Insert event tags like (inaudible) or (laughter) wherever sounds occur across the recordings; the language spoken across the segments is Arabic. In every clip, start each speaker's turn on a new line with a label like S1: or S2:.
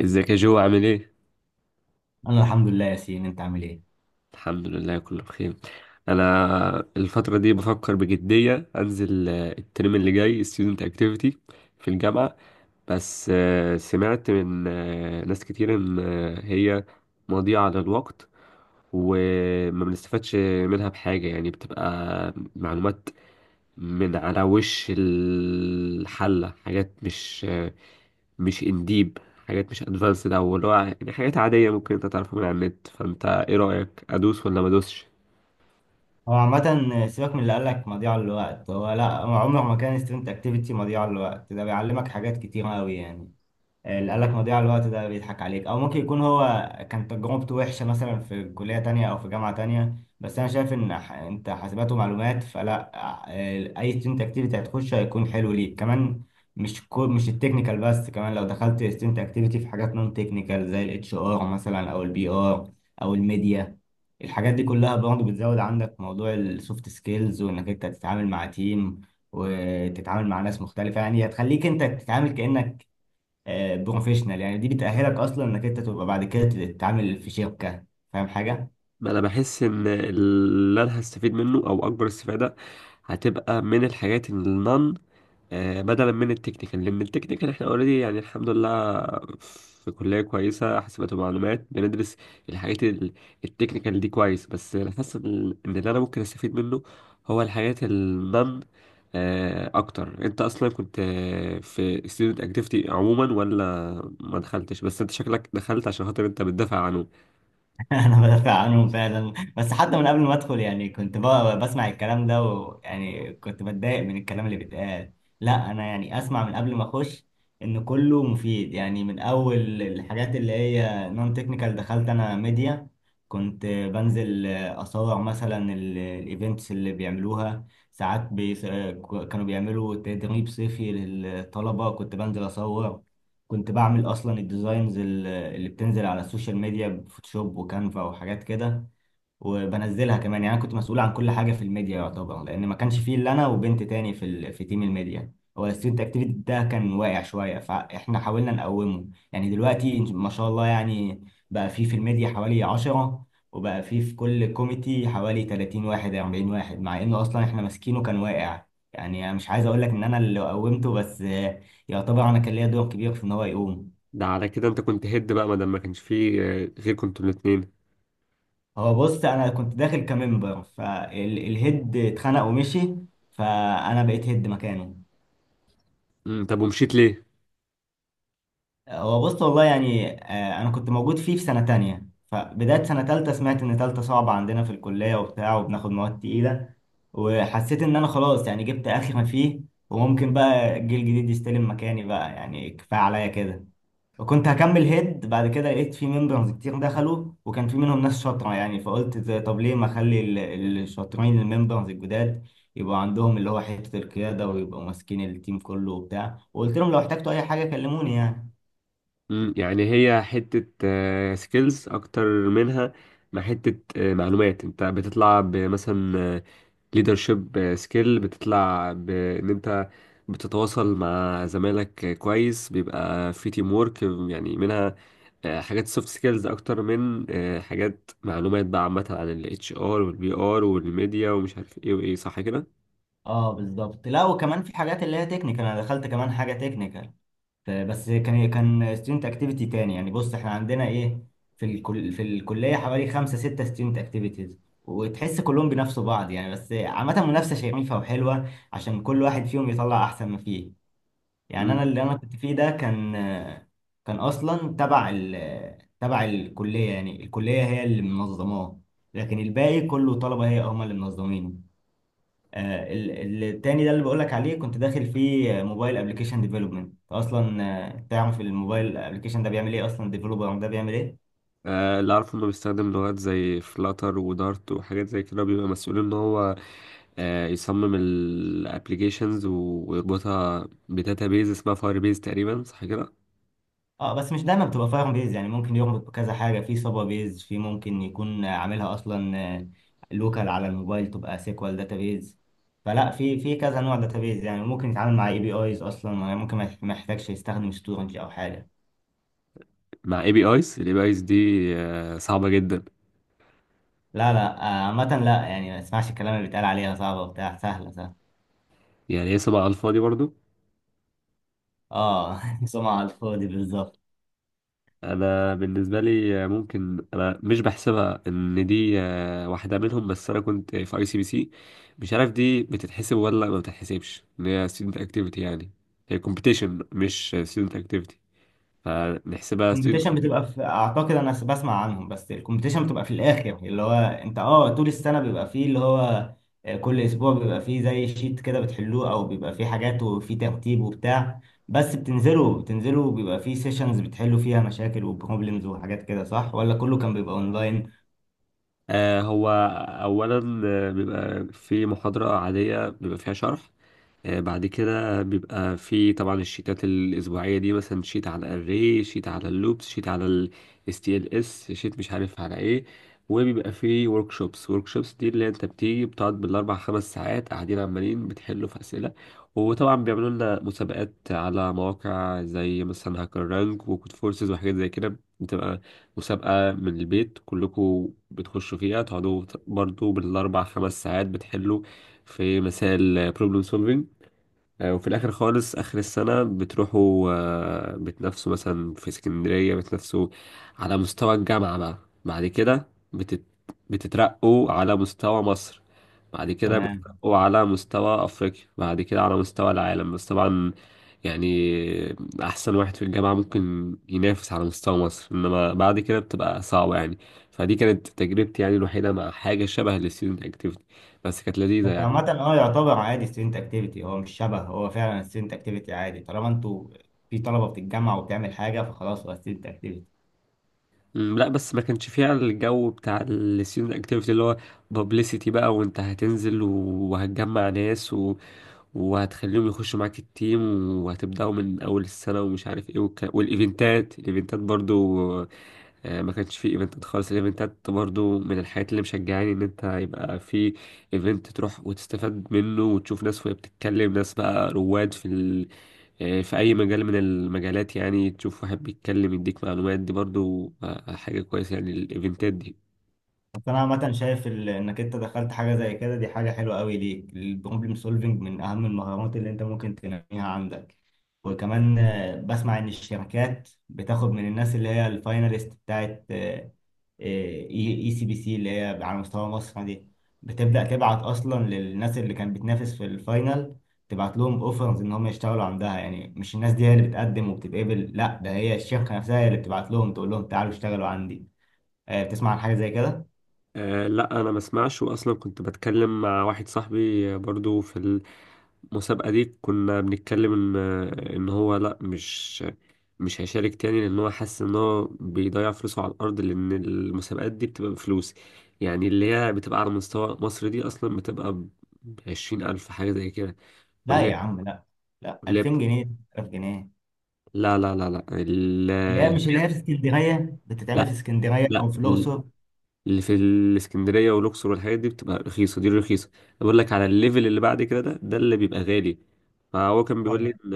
S1: ازيك يا جو عامل ايه؟
S2: انا الحمد لله يا سين، انت عامل ايه؟
S1: الحمد لله، كله بخير. انا الفترة دي بفكر بجدية انزل الترم اللي جاي student activity في الجامعة. بس سمعت من ناس كتير ان هي مضيعة للوقت، وما بنستفادش منها بحاجة، يعني بتبقى معلومات من على وش الحلة، حاجات مش انديب، حاجات مش ادفانسد او اللي هو يعني حاجات عاديه ممكن انت تعرفها من على النت. فانت ايه رايك، ادوس ولا ما ادوسش؟
S2: هو عامه سيبك من اللي قال لك مضيعه للوقت. هو لا، هو عمره ما كان ستودنت اكتيفيتي مضيعه للوقت، ده بيعلمك حاجات كتير قوي يعني. اللي قالك مضيعة الوقت ده بيضحك عليك، او ممكن يكون هو كان تجربته وحشة مثلا في كلية تانية او في جامعة تانية. بس انا شايف ان انت حاسبات ومعلومات، فلا، اي ستودنت اكتيفيتي هتخشه هيكون حلو ليك كمان. مش كو مش التكنيكال بس، كمان لو دخلت ستودنت اكتيفيتي في حاجات نون تكنيكال زي الاتش ار مثلا او البي ار او الميديا. الحاجات دي كلها برضه بتزود عندك موضوع السوفت سكيلز، وانك انت تتعامل مع تيم وتتعامل مع ناس مختلفة. يعني هتخليك انت تتعامل كأنك بروفيشنال، يعني دي بتأهلك اصلا انك انت تبقى بعد كده تتعامل في شركة. فاهم حاجة؟
S1: ما انا بحس ان اللي انا هستفيد منه او اكبر استفاده هتبقى من الحاجات النون، بدلا من التكنيكال، لان التكنيكال احنا اوريدي يعني الحمد لله في كلية كويسة حاسبات ومعلومات، بندرس الحاجات التكنيكال دي كويس، بس انا حاسس ان اللي انا ممكن استفيد منه هو الحاجات النن اكتر. انت اصلا كنت في student activity عموما ولا ما دخلتش؟ بس انت شكلك دخلت عشان خاطر انت بتدافع عنه.
S2: (laughs) انا بدافع عنهم فعلا، بس حتى من قبل ما ادخل يعني كنت بقى بسمع الكلام ده، ويعني كنت بتضايق من الكلام اللي بيتقال. لا انا يعني اسمع من قبل ما اخش ان كله مفيد. يعني من اول الحاجات اللي هي نون تكنيكال دخلت انا ميديا. كنت بنزل اصور مثلا الايفنتس اللي بيعملوها. ساعات بي... كانوا بيعملوا تدريب صيفي للطلبة، كنت بنزل اصور. كنت بعمل اصلا الديزاينز اللي بتنزل على السوشيال ميديا بفوتوشوب وكانفا وحاجات كده، وبنزلها كمان. يعني انا كنت مسؤول عن كل حاجه في الميديا يعتبر، لان ما كانش فيه الا انا وبنت تاني في في تيم الميديا. هو الستودنت اكتيفيتي ده كان واقع شويه فاحنا حاولنا نقومه. يعني دلوقتي ما شاء الله، يعني بقى فيه في الميديا حوالي 10، وبقى فيه في كل كوميتي حوالي 30 واحد 40 واحد، مع انه اصلا احنا ماسكينه كان واقع. يعني انا مش عايز اقول لك ان انا اللي قومته، بس يعتبر انا كان ليا دور كبير في ان هو يقوم.
S1: ده على كده انت كنت هيد بقى، ما دام ما كانش فيه غير كنتوا الاتنين.
S2: هو بص، انا كنت داخل كممبر فالهيد اتخنق ومشي، فانا بقيت هيد مكانه.
S1: طب، ومشيت ليه؟
S2: هو بص والله، يعني انا كنت موجود فيه في سنة تانية، فبداية سنة تالتة سمعت ان تالتة صعبة عندنا في الكلية وبتاع، وبناخد مواد تقيلة، وحسيت ان انا خلاص يعني جبت اخر ما فيه، وممكن بقى الجيل الجديد يستلم مكاني، بقى يعني كفاية عليا كده. وكنت هكمل هيد، بعد كده لقيت في ممبرز كتير دخلوا، وكان في منهم ناس شاطرة يعني، فقلت طب ليه ما اخلي الشاطرين الممبرز الجداد يبقوا عندهم اللي هو حتة القيادة، ويبقوا ماسكين التيم كله وبتاع، وقلت لهم لو احتجتوا اي حاجة كلموني يعني.
S1: يعني هي حتة سكيلز أكتر منها ما حتة معلومات، أنت بتطلع بمثلا ليدرشيب سكيل، بتطلع بإن أنت بتتواصل مع زمايلك كويس، بيبقى في تيم وورك يعني. منها حاجات سوفت سكيلز أكتر من حاجات معلومات بقى عامة عن ال HR وال PR والميديا ومش عارف إيه وإيه، صح كده؟
S2: اه بالظبط. لا، وكمان في حاجات اللي هي تكنيكال، انا دخلت كمان حاجه تكنيكال، بس كان ستودنت اكتيفيتي تاني. يعني بص احنا عندنا ايه، في في الكليه حوالي خمسه سته ستودنت اكتيفيتيز، وتحس كلهم بينافسوا بعض، يعني بس عامه منافسه شريفه وحلوه عشان كل واحد فيهم يطلع احسن ما فيه. يعني انا
S1: مم.
S2: اللي انا كنت فيه ده كان اصلا تبع تبع الكليه، يعني الكليه هي اللي منظماه، لكن الباقي كله طلبه هي هم اللي منظمينه. التاني ده اللي بقولك عليه كنت داخل فيه موبايل ابلكيشن ديفلوبمنت اصلا. تعرف الموبايل ابلكيشن ده بيعمل ايه اصلا؟ الديفلوبر ده بيعمل ايه؟
S1: اللي أعرفه إنه بيستخدم لغات زي فلاتر ودارت وحاجات زي كده، بيبقى مسؤول إن هو يصمم الابلكيشنز ويربطها بداتابيز اسمها فاير بيز، تقريبا صح كده؟
S2: اه بس مش دايما بتبقى فاهم بيز، يعني ممكن يربط بكذا حاجه، في سابا بيز، في ممكن يكون عاملها اصلا لوكال على الموبايل تبقى سيكوال داتابيز. فلا، في كذا نوع داتابيز، يعني ممكن يتعامل مع اي بي ايز اصلا. يعني ممكن ما يحتاجش يستخدم ستورنج او حاجه.
S1: مع اي بي ايز، الاي بي ايز دي صعبه جدا؟
S2: لا لا، عامه لا يعني، ما اسمعش الكلام اللي بيتقال عليها صعبه وبتاع، سهله سهله.
S1: يعني هي سبعة على الفاضي برضو.
S2: اه (laughs) سمعة على الفاضي بالظبط.
S1: انا بالنسبه لي ممكن انا مش بحسبها ان دي واحده منهم، بس انا كنت في ICPC، مش عارف دي بتتحسب ولا ما بتتحسبش ان هي ستودنت اكتيفيتي يعني. هي كومبيتيشن مش ستودنت اكتيفيتي، فنحسبها
S2: الكومبيتيشن
S1: student.
S2: بتبقى في، اعتقد انا بسمع عنهم، بس الكومبيتيشن بتبقى في الاخر. يعني اللي هو انت اه طول السنه بيبقى فيه اللي هو، كل اسبوع بيبقى فيه زي شيت كده بتحلوه، او بيبقى فيه حاجات وفيه ترتيب وبتاع. بس بتنزلوا بيبقى فيه سيشنز بتحلوا فيها مشاكل وبروبلمز وحاجات كده، صح؟ ولا كله كان بيبقى اونلاين؟
S1: هو أولا بيبقى في محاضرة عادية بيبقى فيها شرح. بعد كده بيبقى في طبعا الشيتات الأسبوعية دي، مثلا شيت على الري، شيت على اللوبس، شيت على ال STLS، شيت مش عارف على ايه. وبيبقى في workshops، workshops دي اللي انت بتيجي بتقعد بالأربع خمس ساعات قاعدين عمالين بتحلوا في أسئلة. وطبعا بيعملوا لنا مسابقات على مواقع زي مثلا هاكر رانك وكود فورسز وحاجات زي كده، بتبقى مسابقة من البيت كلكم بتخشوا فيها، تقعدوا برضو بالأربع خمس ساعات بتحلوا في مسائل problem solving. وفي الآخر خالص آخر السنة بتروحوا بتنافسوا مثلا في اسكندرية، بتنافسوا على مستوى الجامعة بقى. بعد كده بتترقوا على مستوى مصر، بعد كده
S2: تمام.
S1: بتترقوا على مستوى أفريقيا، بعد كده على مستوى العالم، بس طبعا يعني أحسن واحد في الجامعة ممكن ينافس على مستوى مصر، إنما بعد كده بتبقى صعبة يعني. فدي كانت تجربتي يعني الوحيدة مع حاجة شبه الستودنت أكتيفيتي، بس كانت لذيذة
S2: بس
S1: يعني.
S2: عامة اه يعتبر عادي ستودنت اكتيفيتي، هو مش شبه، هو فعلا ستودنت اكتيفيتي عادي، طالما انتوا في طلبة بتتجمع وبتعمل حاجة فخلاص هو ستودنت اكتيفيتي.
S1: لا، بس ما كانش فيها الجو بتاع الستودنت اكتيفيتي اللي هو بابليسيتي بقى، وانت هتنزل وهتجمع ناس وهتخليهم يخشوا معاك التيم، وهتبدأوا من أول السنة ومش عارف ايه والايفنتات، الايفنتات برضو، ما كانش في ايفنتات خالص. الايفنتات برضو من الحاجات اللي مشجعاني ان انت يبقى في ايفنت تروح وتستفاد منه، وتشوف ناس وهي بتتكلم، ناس بقى رواد في في اي مجال من المجالات، يعني تشوف واحد بيتكلم يديك معلومات، دي برضو حاجة كويسة يعني الايفنتات دي.
S2: بس انا عامه شايف انك انت دخلت حاجه زي كده دي حاجه حلوه قوي ليك. البروبلم سولفنج من اهم المهارات اللي انت ممكن تنميها عندك. وكمان بسمع ان الشركات بتاخد من الناس اللي هي الفايناليست بتاعت آه، اي إي سي بي سي اللي هي على مستوى مصر دي، بتبدا تبعت اصلا للناس اللي كانت بتنافس في الفاينل، تبعت لهم اوفرز ان هم يشتغلوا عندها. يعني مش الناس دي هي اللي بتقدم وبتتقبل، لا، ده هي الشركه نفسها هي اللي بتبعت لهم تقول لهم تعالوا اشتغلوا عندي. بتسمع عن حاجه زي كده؟
S1: لا، انا ما اسمعش، واصلا كنت بتكلم مع واحد صاحبي برضو في المسابقة دي، كنا بنتكلم إن هو لأ، مش هيشارك تاني، لأن هو حاسس إن هو بيضيع فلوسه على الأرض، لأن المسابقات دي بتبقى بفلوس، يعني اللي هي بتبقى على مستوى مصر دي أصلا بتبقى بـ20 ألف حاجة زي كده.
S2: لا
S1: واللي
S2: يا
S1: هي
S2: عم، لا. لا،
S1: واللي هي
S2: 2000
S1: بت...
S2: جنيه 1000 جنيه.
S1: لا، لا، لا، لا،
S2: اللي هي مش، اللي هي في اسكندريه، بتتعمل في
S1: لا،
S2: اسكندريه او
S1: لا،
S2: في الاقصر.
S1: اللي في الاسكندريه والاقصر والحاجات دي بتبقى رخيصه، دي رخيصه. بقول لك على الليفل اللي بعد كده ده اللي بيبقى غالي. فهو كان بيقول لي
S2: اه،
S1: ان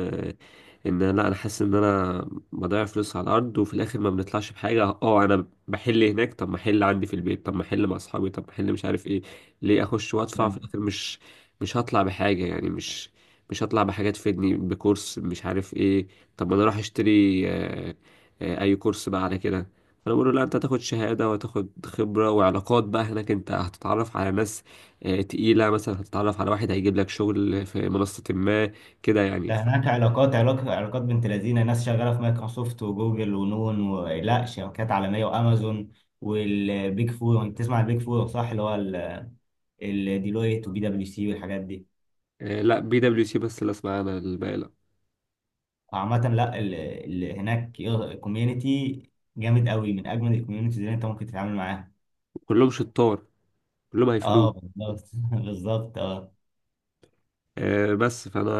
S1: ان لا، انا حاسس ان انا بضيع فلوس على الارض وفي الاخر ما بنطلعش بحاجه. اه، انا بحل هناك، طب ما احل عندي في البيت، طب ما احل مع اصحابي، طب ما احل مش عارف ايه، ليه اخش وادفع في
S2: ده
S1: الاخر؟ مش هطلع بحاجه يعني، مش هطلع بحاجه تفيدني بكورس مش عارف ايه. طب ما انا اروح اشتري اي كورس بقى على كده. فانا بقول له: لا، انت هتاخد شهاده وهتاخد خبره وعلاقات بقى، هناك انت هتتعرف على ناس تقيله، مثلا هتتعرف على واحد هيجيب لك شغل في منصه ما، كده يعني
S2: ده هناك علاقات، علاقات، علاقات. بنت لذينه ناس شغاله في مايكروسوفت وجوجل ونون و... لا، شركات عالميه، وامازون، والبيج فور. انت تسمع البيج فور، صح؟ اللي هو الديلويت وبي دبليو سي والحاجات دي.
S1: لا، PwC بس اللي اسمع انا، الباقي لا.
S2: فعامة لا، هناك كوميونتي جامد قوي، من اجمل الكوميونتيز اللي انت ممكن تتعامل معاها.
S1: كلهم شطار، كلهم
S2: اه
S1: هيفيدوك.
S2: بالظبط (laughs) بالظبط اه.
S1: بس فانا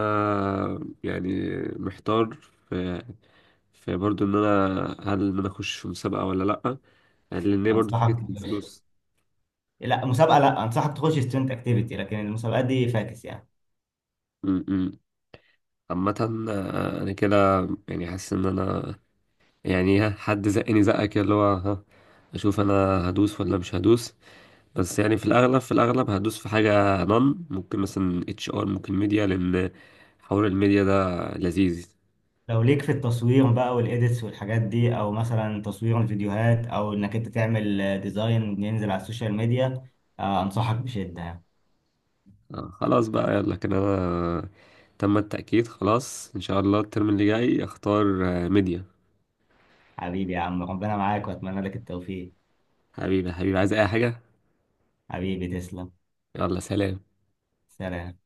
S1: يعني محتار في في برضو ان انا، هل انا اخش في مسابقه ولا لا، لان هي برضو
S2: انصحك،
S1: فكره الفلوس.
S2: لا مسابقه، لا انصحك تخش ستودنت اكتيفيتي، لكن المسابقات دي فاكس يعني.
S1: م- م. عامه انا كده يعني حاسس ان انا، يعني ها، حد زقني زقك كده اللي هو ها، اشوف انا هدوس ولا مش هدوس. بس يعني في الاغلب هدوس في حاجه نون، ممكن مثلا HR، ممكن ميديا، لان حوار الميديا ده لذيذ.
S2: لو ليك في التصوير بقى والايديتس والحاجات دي، او مثلا تصوير الفيديوهات، او انك انت تعمل ديزاين ينزل على السوشيال ميديا، انصحك بشده يعني.
S1: خلاص بقى، يلا كده انا تم التأكيد خلاص ان شاء الله الترم اللي جاي اختار ميديا.
S2: حبيبي يا عم، ربنا معاك واتمنى لك التوفيق.
S1: حبيبي، حبيبي، عايز اي حاجه؟
S2: حبيبي، تسلم.
S1: يلا، سلام.
S2: سلام.